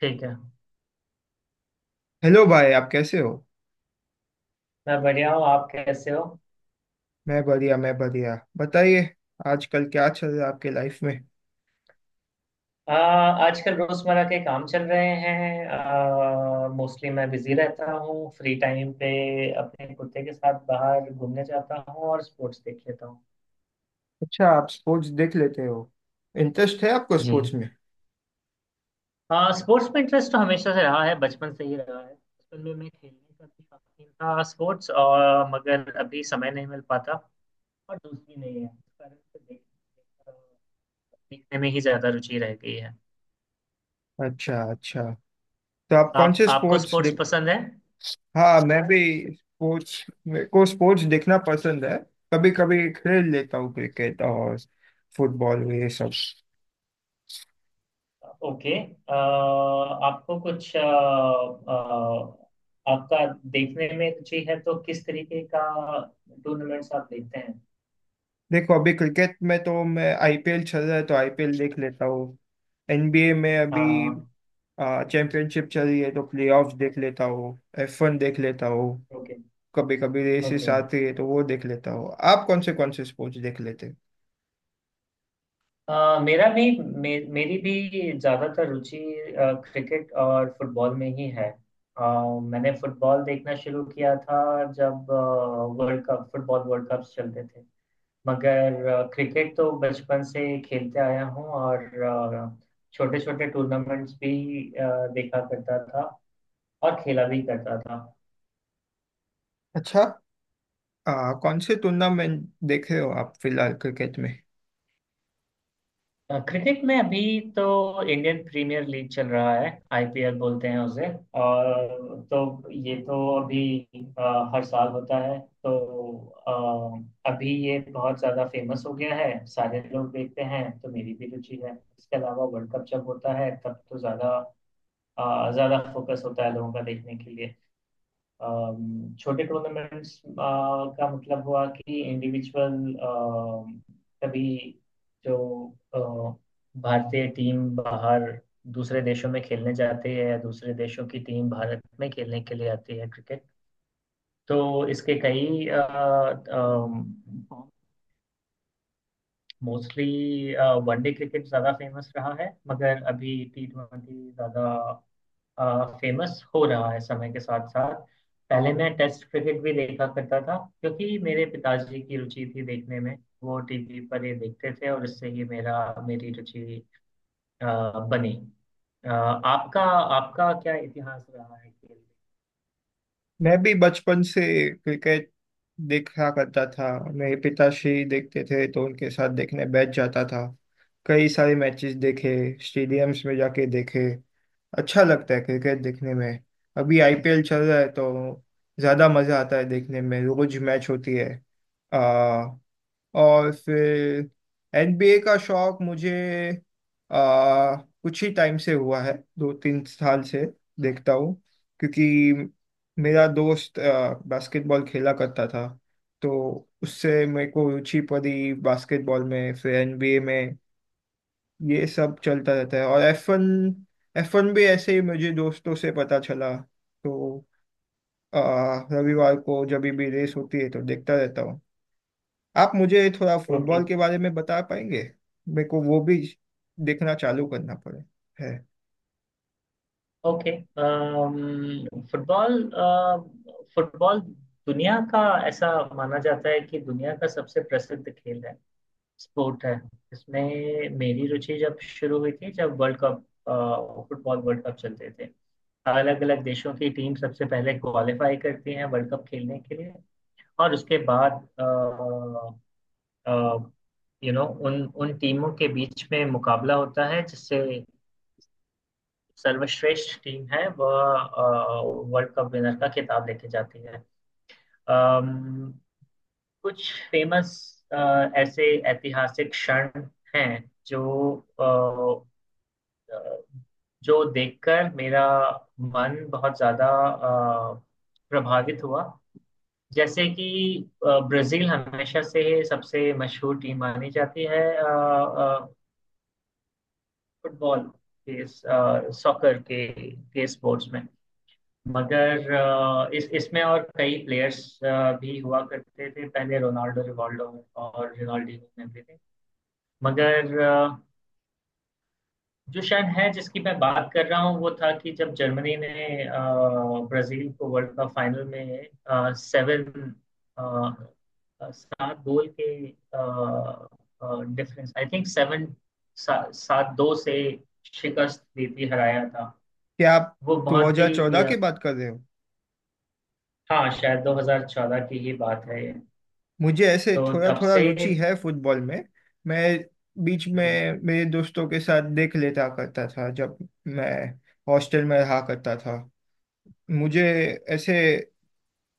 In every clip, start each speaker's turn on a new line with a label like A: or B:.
A: ठीक है।
B: हेलो भाई, आप कैसे हो?
A: मैं बढ़िया हूँ, आप कैसे हो?
B: मैं बढ़िया, मैं बढ़िया। बताइए। आजकल क्या चल रहा है आपके लाइफ में?
A: आ, आजकल रोजमर्रा के काम चल रहे हैं। मोस्टली मैं बिजी रहता हूँ। फ्री टाइम पे अपने कुत्ते के साथ बाहर घूमने जाता हूँ और स्पोर्ट्स देख लेता हूँ।
B: अच्छा, आप स्पोर्ट्स देख लेते हो? इंटरेस्ट है आपको
A: जी,
B: स्पोर्ट्स में?
A: स्पोर्ट्स में इंटरेस्ट तो हमेशा से रहा है, बचपन से ही रहा है। बचपन में मैं खेलने का भी शौकीन था स्पोर्ट्स और, मगर अभी समय नहीं मिल पाता और दोस्ती नहीं है, इस कारण से देखने में ही ज्यादा रुचि रह गई है।
B: अच्छा अच्छा, तो आप कौन
A: आप
B: से
A: आपको
B: स्पोर्ट्स
A: स्पोर्ट्स
B: देख?
A: पसंद है?
B: हाँ, मैं भी। स्पोर्ट्स, मेरे को स्पोर्ट्स देखना पसंद है। कभी कभी खेल लेता हूँ क्रिकेट और फुटबॉल, ये सब।
A: ओके। आपको कुछ आपका देखने में रुचि है तो किस तरीके का टूर्नामेंट्स आप देखते हैं?
B: देखो, अभी क्रिकेट में तो मैं आईपीएल चल रहा है तो आईपीएल देख लेता हूँ। एनबीए में अभी
A: हाँ।
B: चैंपियनशिप चल रही है तो प्लेऑफ्स देख लेता हूँ। F1 देख लेता हूँ।
A: ओके।
B: कभी कभी रेसेस
A: ओके।
B: आती है तो वो देख लेता हूँ। आप कौन से स्पोर्ट्स देख लेते हैं?
A: मेरा भी मेरी भी ज़्यादातर रुचि क्रिकेट और फुटबॉल में ही है। मैंने फुटबॉल देखना शुरू किया था जब world cup, football world cups चलते थे। मगर क्रिकेट तो बचपन से खेलते आया हूँ और छोटे छोटे टूर्नामेंट्स भी देखा करता था और खेला भी करता था।
B: अच्छा, कौन से टूर्नामेंट देख रहे हो आप फिलहाल क्रिकेट में?
A: क्रिकेट में अभी तो इंडियन प्रीमियर लीग चल रहा है, आईपीएल बोलते हैं उसे। और तो ये तो अभी हर साल होता है तो अभी ये बहुत ज़्यादा फेमस हो गया है, सारे लोग देखते हैं तो मेरी भी रुचि है। इसके अलावा वर्ल्ड कप जब होता है तब तो ज़्यादा ज़्यादा फोकस होता है लोगों का देखने के लिए। छोटे टूर्नामेंट्स का मतलब हुआ कि इंडिविजुअल कभी जो अ, भारतीय टीम बाहर दूसरे देशों में खेलने जाती है या दूसरे देशों की टीम भारत में खेलने के लिए आती है क्रिकेट। तो इसके कई मोस्टली वनडे क्रिकेट ज़्यादा फेमस रहा है, मगर अभी टी ट्वेंटी ज़्यादा फेमस हो रहा है समय के साथ साथ। पहले मैं टेस्ट क्रिकेट भी देखा करता था, क्योंकि मेरे पिताजी की रुचि थी देखने में। वो टीवी पर ये देखते थे और इससे ही मेरा मेरी रुचि अ, बनी। अ, आपका आपका क्या इतिहास रहा है खेल में?
B: मैं भी बचपन से क्रिकेट देखा करता था। मेरे पिताश्री देखते थे तो उनके साथ देखने बैठ जाता था। कई सारे मैचेस देखे, स्टेडियम्स में जाके देखे। अच्छा लगता है क्रिकेट देखने में। अभी आईपीएल चल रहा है तो ज़्यादा मज़ा आता है देखने में, रोज मैच होती है। आ, और फिर एनबीए का शौक मुझे आ, कुछ ही टाइम से हुआ है, 2 3 साल से देखता हूँ। क्योंकि मेरा
A: ओके।
B: दोस्त बास्केटबॉल खेला करता था तो उससे मेरे को रुचि पड़ी बास्केटबॉल में, फिर एनबीए में। ये सब चलता रहता है। और एफ वन भी ऐसे ही मुझे दोस्तों से पता चला। तो आ, रविवार को जब भी रेस होती है तो देखता रहता हूँ। आप मुझे थोड़ा
A: ओके।
B: फुटबॉल के बारे में बता पाएंगे? मेरे को वो भी देखना चालू करना पड़े है।
A: ओके। फुटबॉल फुटबॉल दुनिया का ऐसा माना जाता है कि दुनिया का सबसे प्रसिद्ध खेल है, स्पोर्ट है। इसमें मेरी रुचि जब शुरू हुई थी जब world cup, football world cup चलते थे। अलग अलग देशों की टीम सबसे पहले क्वालिफाई करती हैं वर्ल्ड कप खेलने के लिए, और उसके बाद यू नो उन उन टीमों के बीच में मुकाबला होता है जिससे सर्वश्रेष्ठ टीम है, वह वर्ल्ड कप विनर का खिताब लेके जाती है। अम, कुछ फेमस ऐसे ऐतिहासिक क्षण हैं जो अ, जो देखकर मेरा मन बहुत ज्यादा प्रभावित हुआ। जैसे कि ब्राजील हमेशा से सबसे मशहूर टीम मानी जाती है फुटबॉल के, सॉकर के स्पोर्ट्स में। मगर इस इसमें और कई प्लेयर्स भी हुआ करते थे पहले, रोनाल्डो, रिवाल्डो और रोनाल्डिनो में भी थे। मगर जो शायद है जिसकी मैं बात कर रहा हूँ, वो था कि जब जर्मनी ने ब्राजील को वर्ल्ड कप फाइनल में अ, सात गोल के डिफरेंस, आई थिंक सात दो से शिकस्त दी थी, हराया था।
B: क्या आप
A: वो बहुत ही
B: 2014 की बात कर रहे हो?
A: हाँ, शायद 2014 की ही बात है ये।
B: मुझे ऐसे
A: तो
B: थोड़ा
A: तब
B: थोड़ा
A: से
B: रुचि है फुटबॉल में। मैं बीच
A: जी।
B: में मेरे दोस्तों के साथ देख लेता करता था जब मैं हॉस्टल में रहा करता था। मुझे ऐसे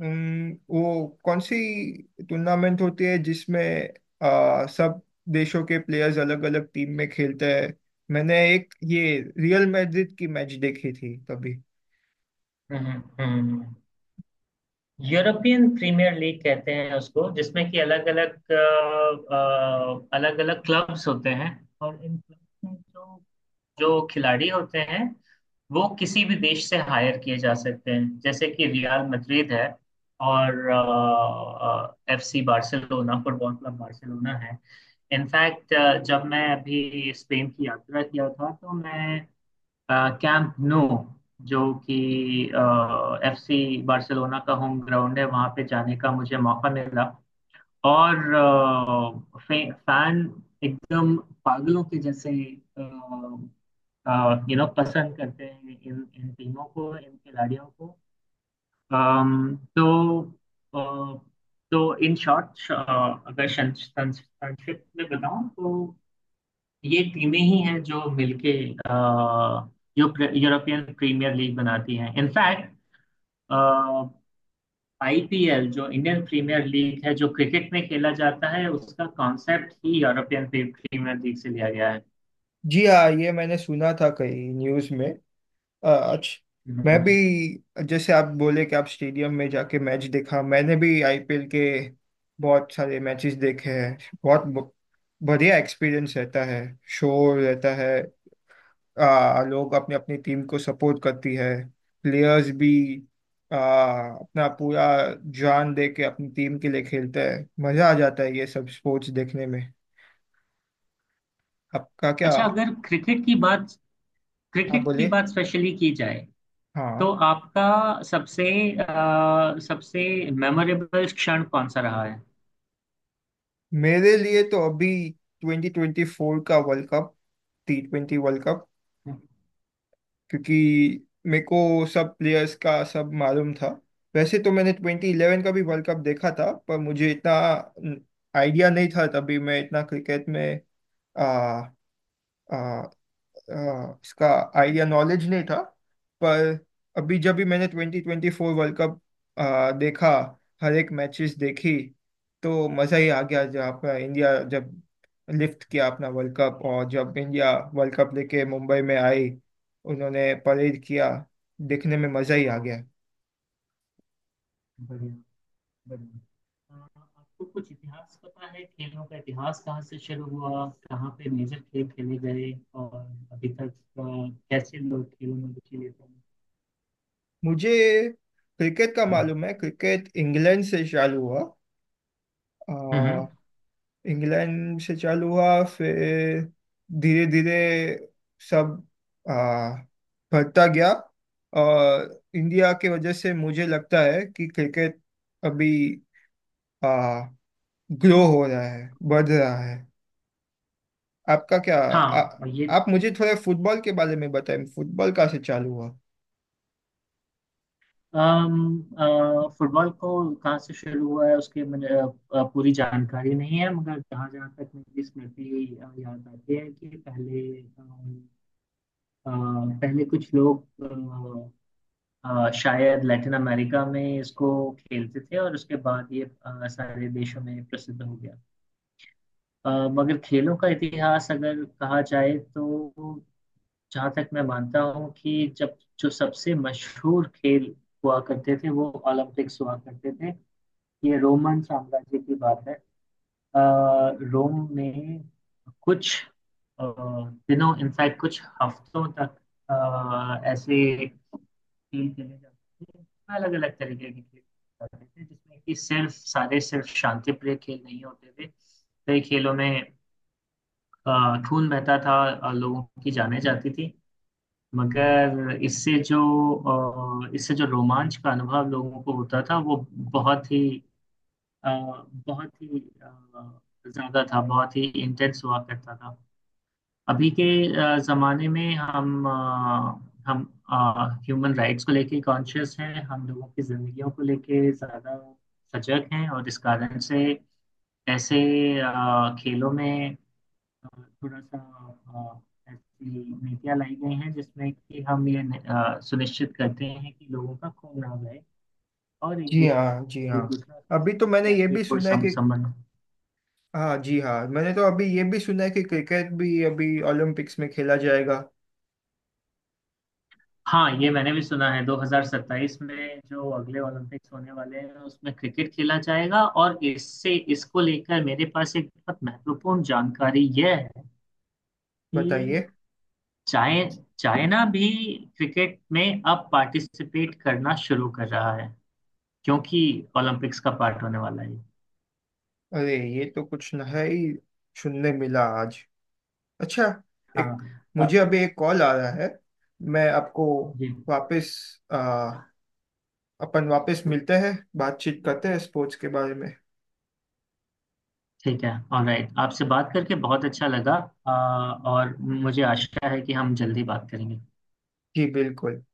B: वो कौन सी टूर्नामेंट होती है जिसमें सब देशों के प्लेयर्स अलग अलग टीम में खेलते हैं? मैंने एक ये रियल मैड्रिड की मैच देखी थी तभी।
A: हम्म। हम्म। हम्म। यूरोपियन प्रीमियर लीग कहते हैं उसको, जिसमें कि अलग अलग क्लब्स होते हैं और इन क्लब्स में जो जो खिलाड़ी होते हैं वो किसी भी देश से हायर किए जा सकते हैं। जैसे कि रियल मैड्रिड है और FC Barcelona, football club Barcelona है। इनफैक्ट जब मैं अभी स्पेन की यात्रा किया था तो मैं कैंप नो, जो कि एफसी बार्सिलोना का होम ग्राउंड है, वहां पे जाने का मुझे मौका मिला। और फैन एकदम पागलों के जैसे यू नो पसंद करते हैं इन इन टीमों को, इन खिलाड़ियों को। तो अ, तो इन शॉर्ट, अगर संक्षिप्त में बताऊं तो ये टीमें ही हैं जो मिलके यूरोपियन प्रीमियर लीग बनाती हैं। इनफैक्ट आईपीएल, जो इंडियन प्रीमियर लीग है, जो क्रिकेट में खेला जाता है, उसका कॉन्सेप्ट ही प्रीमियर लीग से लिया गया है।
B: जी हाँ, ये मैंने सुना था कहीं न्यूज़ में। अच्छा। मैं
A: हम्म।
B: भी, जैसे आप बोले कि आप स्टेडियम में जाके मैच देखा, मैंने भी आईपीएल के बहुत सारे मैचेस देखे हैं। बहुत बढ़िया एक्सपीरियंस रहता है। शोर रहता है, लोग अपनी अपनी टीम को सपोर्ट करती है। प्लेयर्स भी आ, अपना पूरा जान दे के अपनी टीम के लिए खेलते हैं। मजा आ जाता है ये सब स्पोर्ट्स देखने में। आपका क्या,
A: अच्छा,
B: आप
A: अगर क्रिकेट की
B: बोलिए।
A: बात स्पेशली की जाए तो
B: हाँ,
A: आपका सबसे सबसे मेमोरेबल क्षण कौन सा रहा है?
B: मेरे लिए तो अभी 2024 का world cup, T20 world cup. क्योंकि मेरे को सब प्लेयर्स का सब मालूम था। वैसे तो मैंने 2011 का भी वर्ल्ड कप देखा था, पर मुझे इतना आइडिया नहीं था, तभी मैं इतना क्रिकेट में, आ, आ, आ, इसका आइडिया नॉलेज नहीं था। पर अभी जब भी मैंने 2024 वर्ल्ड कप देखा, हर एक मैचेस देखी, तो मज़ा ही आ गया। जब अपना इंडिया जब लिफ्ट किया अपना वर्ल्ड कप, और जब इंडिया वर्ल्ड कप लेके मुंबई में आई, उन्होंने परेड किया, देखने में मज़ा ही आ गया।
A: बढ़िया। बढ़िया। अ, आपको कुछ इतिहास पता है, खेलों का इतिहास कहाँ से शुरू हुआ, कहाँ पे मेजर खेल खेले गए और अभी तक अ, कैसे लोग खेलों में रुचि लेते हैं?
B: मुझे क्रिकेट का मालूम है, क्रिकेट इंग्लैंड से चालू हुआ। आ,
A: हम्म।
B: इंग्लैंड से चालू हुआ, फिर धीरे धीरे सब आ, बढ़ता गया। और इंडिया के वजह से मुझे लगता है कि क्रिकेट अभी आ, ग्रो हो रहा है, बढ़ रहा है। आपका क्या,
A: हाँ और ये
B: आप मुझे थोड़ा फुटबॉल के बारे में बताएं, फुटबॉल कहाँ से चालू हुआ?
A: फुटबॉल को कहाँ से शुरू हुआ है उसके मुझे पूरी जानकारी नहीं है, मगर जहाँ जहाँ तक मेरी स्मृति याद आती है कि पहले अ, पहले कुछ लोग शायद लैटिन अमेरिका में इसको खेलते थे और उसके बाद ये सारे देशों में प्रसिद्ध हो गया। मगर खेलों का इतिहास अगर कहा जाए तो जहाँ तक मैं मानता हूँ कि जब जो सबसे मशहूर खेल हुआ करते थे वो ओलंपिक्स हुआ करते थे। ये रोमन साम्राज्य की बात है। अ, रोम में कुछ अ, दिनों, इनफैक्ट कुछ हफ्तों तक ऐसे खेल खेले जाते थे, अलग अलग तरीके के खेल जाते थे, जिसमें कि सिर्फ शांति प्रिय खेल नहीं होते थे। कई खेलों में खून बहता था, लोगों की जानें जाती थी। मगर इससे जो रोमांच का अनुभव लोगों को होता था वो बहुत ही अ, बहुत ही ज्यादा था, बहुत ही इंटेंस हुआ करता था। अभी के ज़माने में हम ह्यूमन राइट्स को लेके कॉन्शियस हैं, हम लोगों की ज़िंदगियों को लेके ज़्यादा सजग हैं और इस कारण से ऐसे खेलों में अ, थोड़ा सा ऐसी नीतियाँ लाई गई हैं जिसमें कि हम ये सुनिश्चित करते हैं कि लोगों का खून ना बहे और एक
B: जी
A: दूसरे
B: हाँ, जी
A: में, एक
B: हाँ।
A: दूसरे के
B: अभी
A: साथ
B: तो मैंने ये भी
A: मैत्रीपूर्ण
B: सुना है कि
A: संबंध।
B: हाँ। जी हाँ, मैंने तो अभी ये भी सुना है कि क्रिकेट भी अभी ओलंपिक्स में खेला जाएगा।
A: हाँ, ये मैंने भी सुना है, 2027 में जो अगले ओलंपिक्स होने वाले हैं उसमें क्रिकेट खेला जाएगा, और इससे इसको लेकर मेरे पास एक बहुत महत्वपूर्ण जानकारी यह है कि
B: बताइए।
A: चाइ चाइना भी क्रिकेट में अब पार्टिसिपेट करना शुरू कर रहा है, क्योंकि ओलंपिक्स का पार्ट होने वाला है।
B: अरे, ये तो कुछ नया ही सुनने मिला आज। अच्छा।
A: हाँ।
B: एक मुझे अभी एक कॉल आ रहा है। मैं आपको
A: जी,
B: वापस, आ, अपन वापस मिलते हैं, बातचीत करते हैं स्पोर्ट्स के बारे में।
A: ठीक है। ऑलराइट, आपसे बात करके बहुत अच्छा लगा। अ, और मुझे आशा है कि हम जल्दी बात करेंगे।
B: जी बिल्कुल।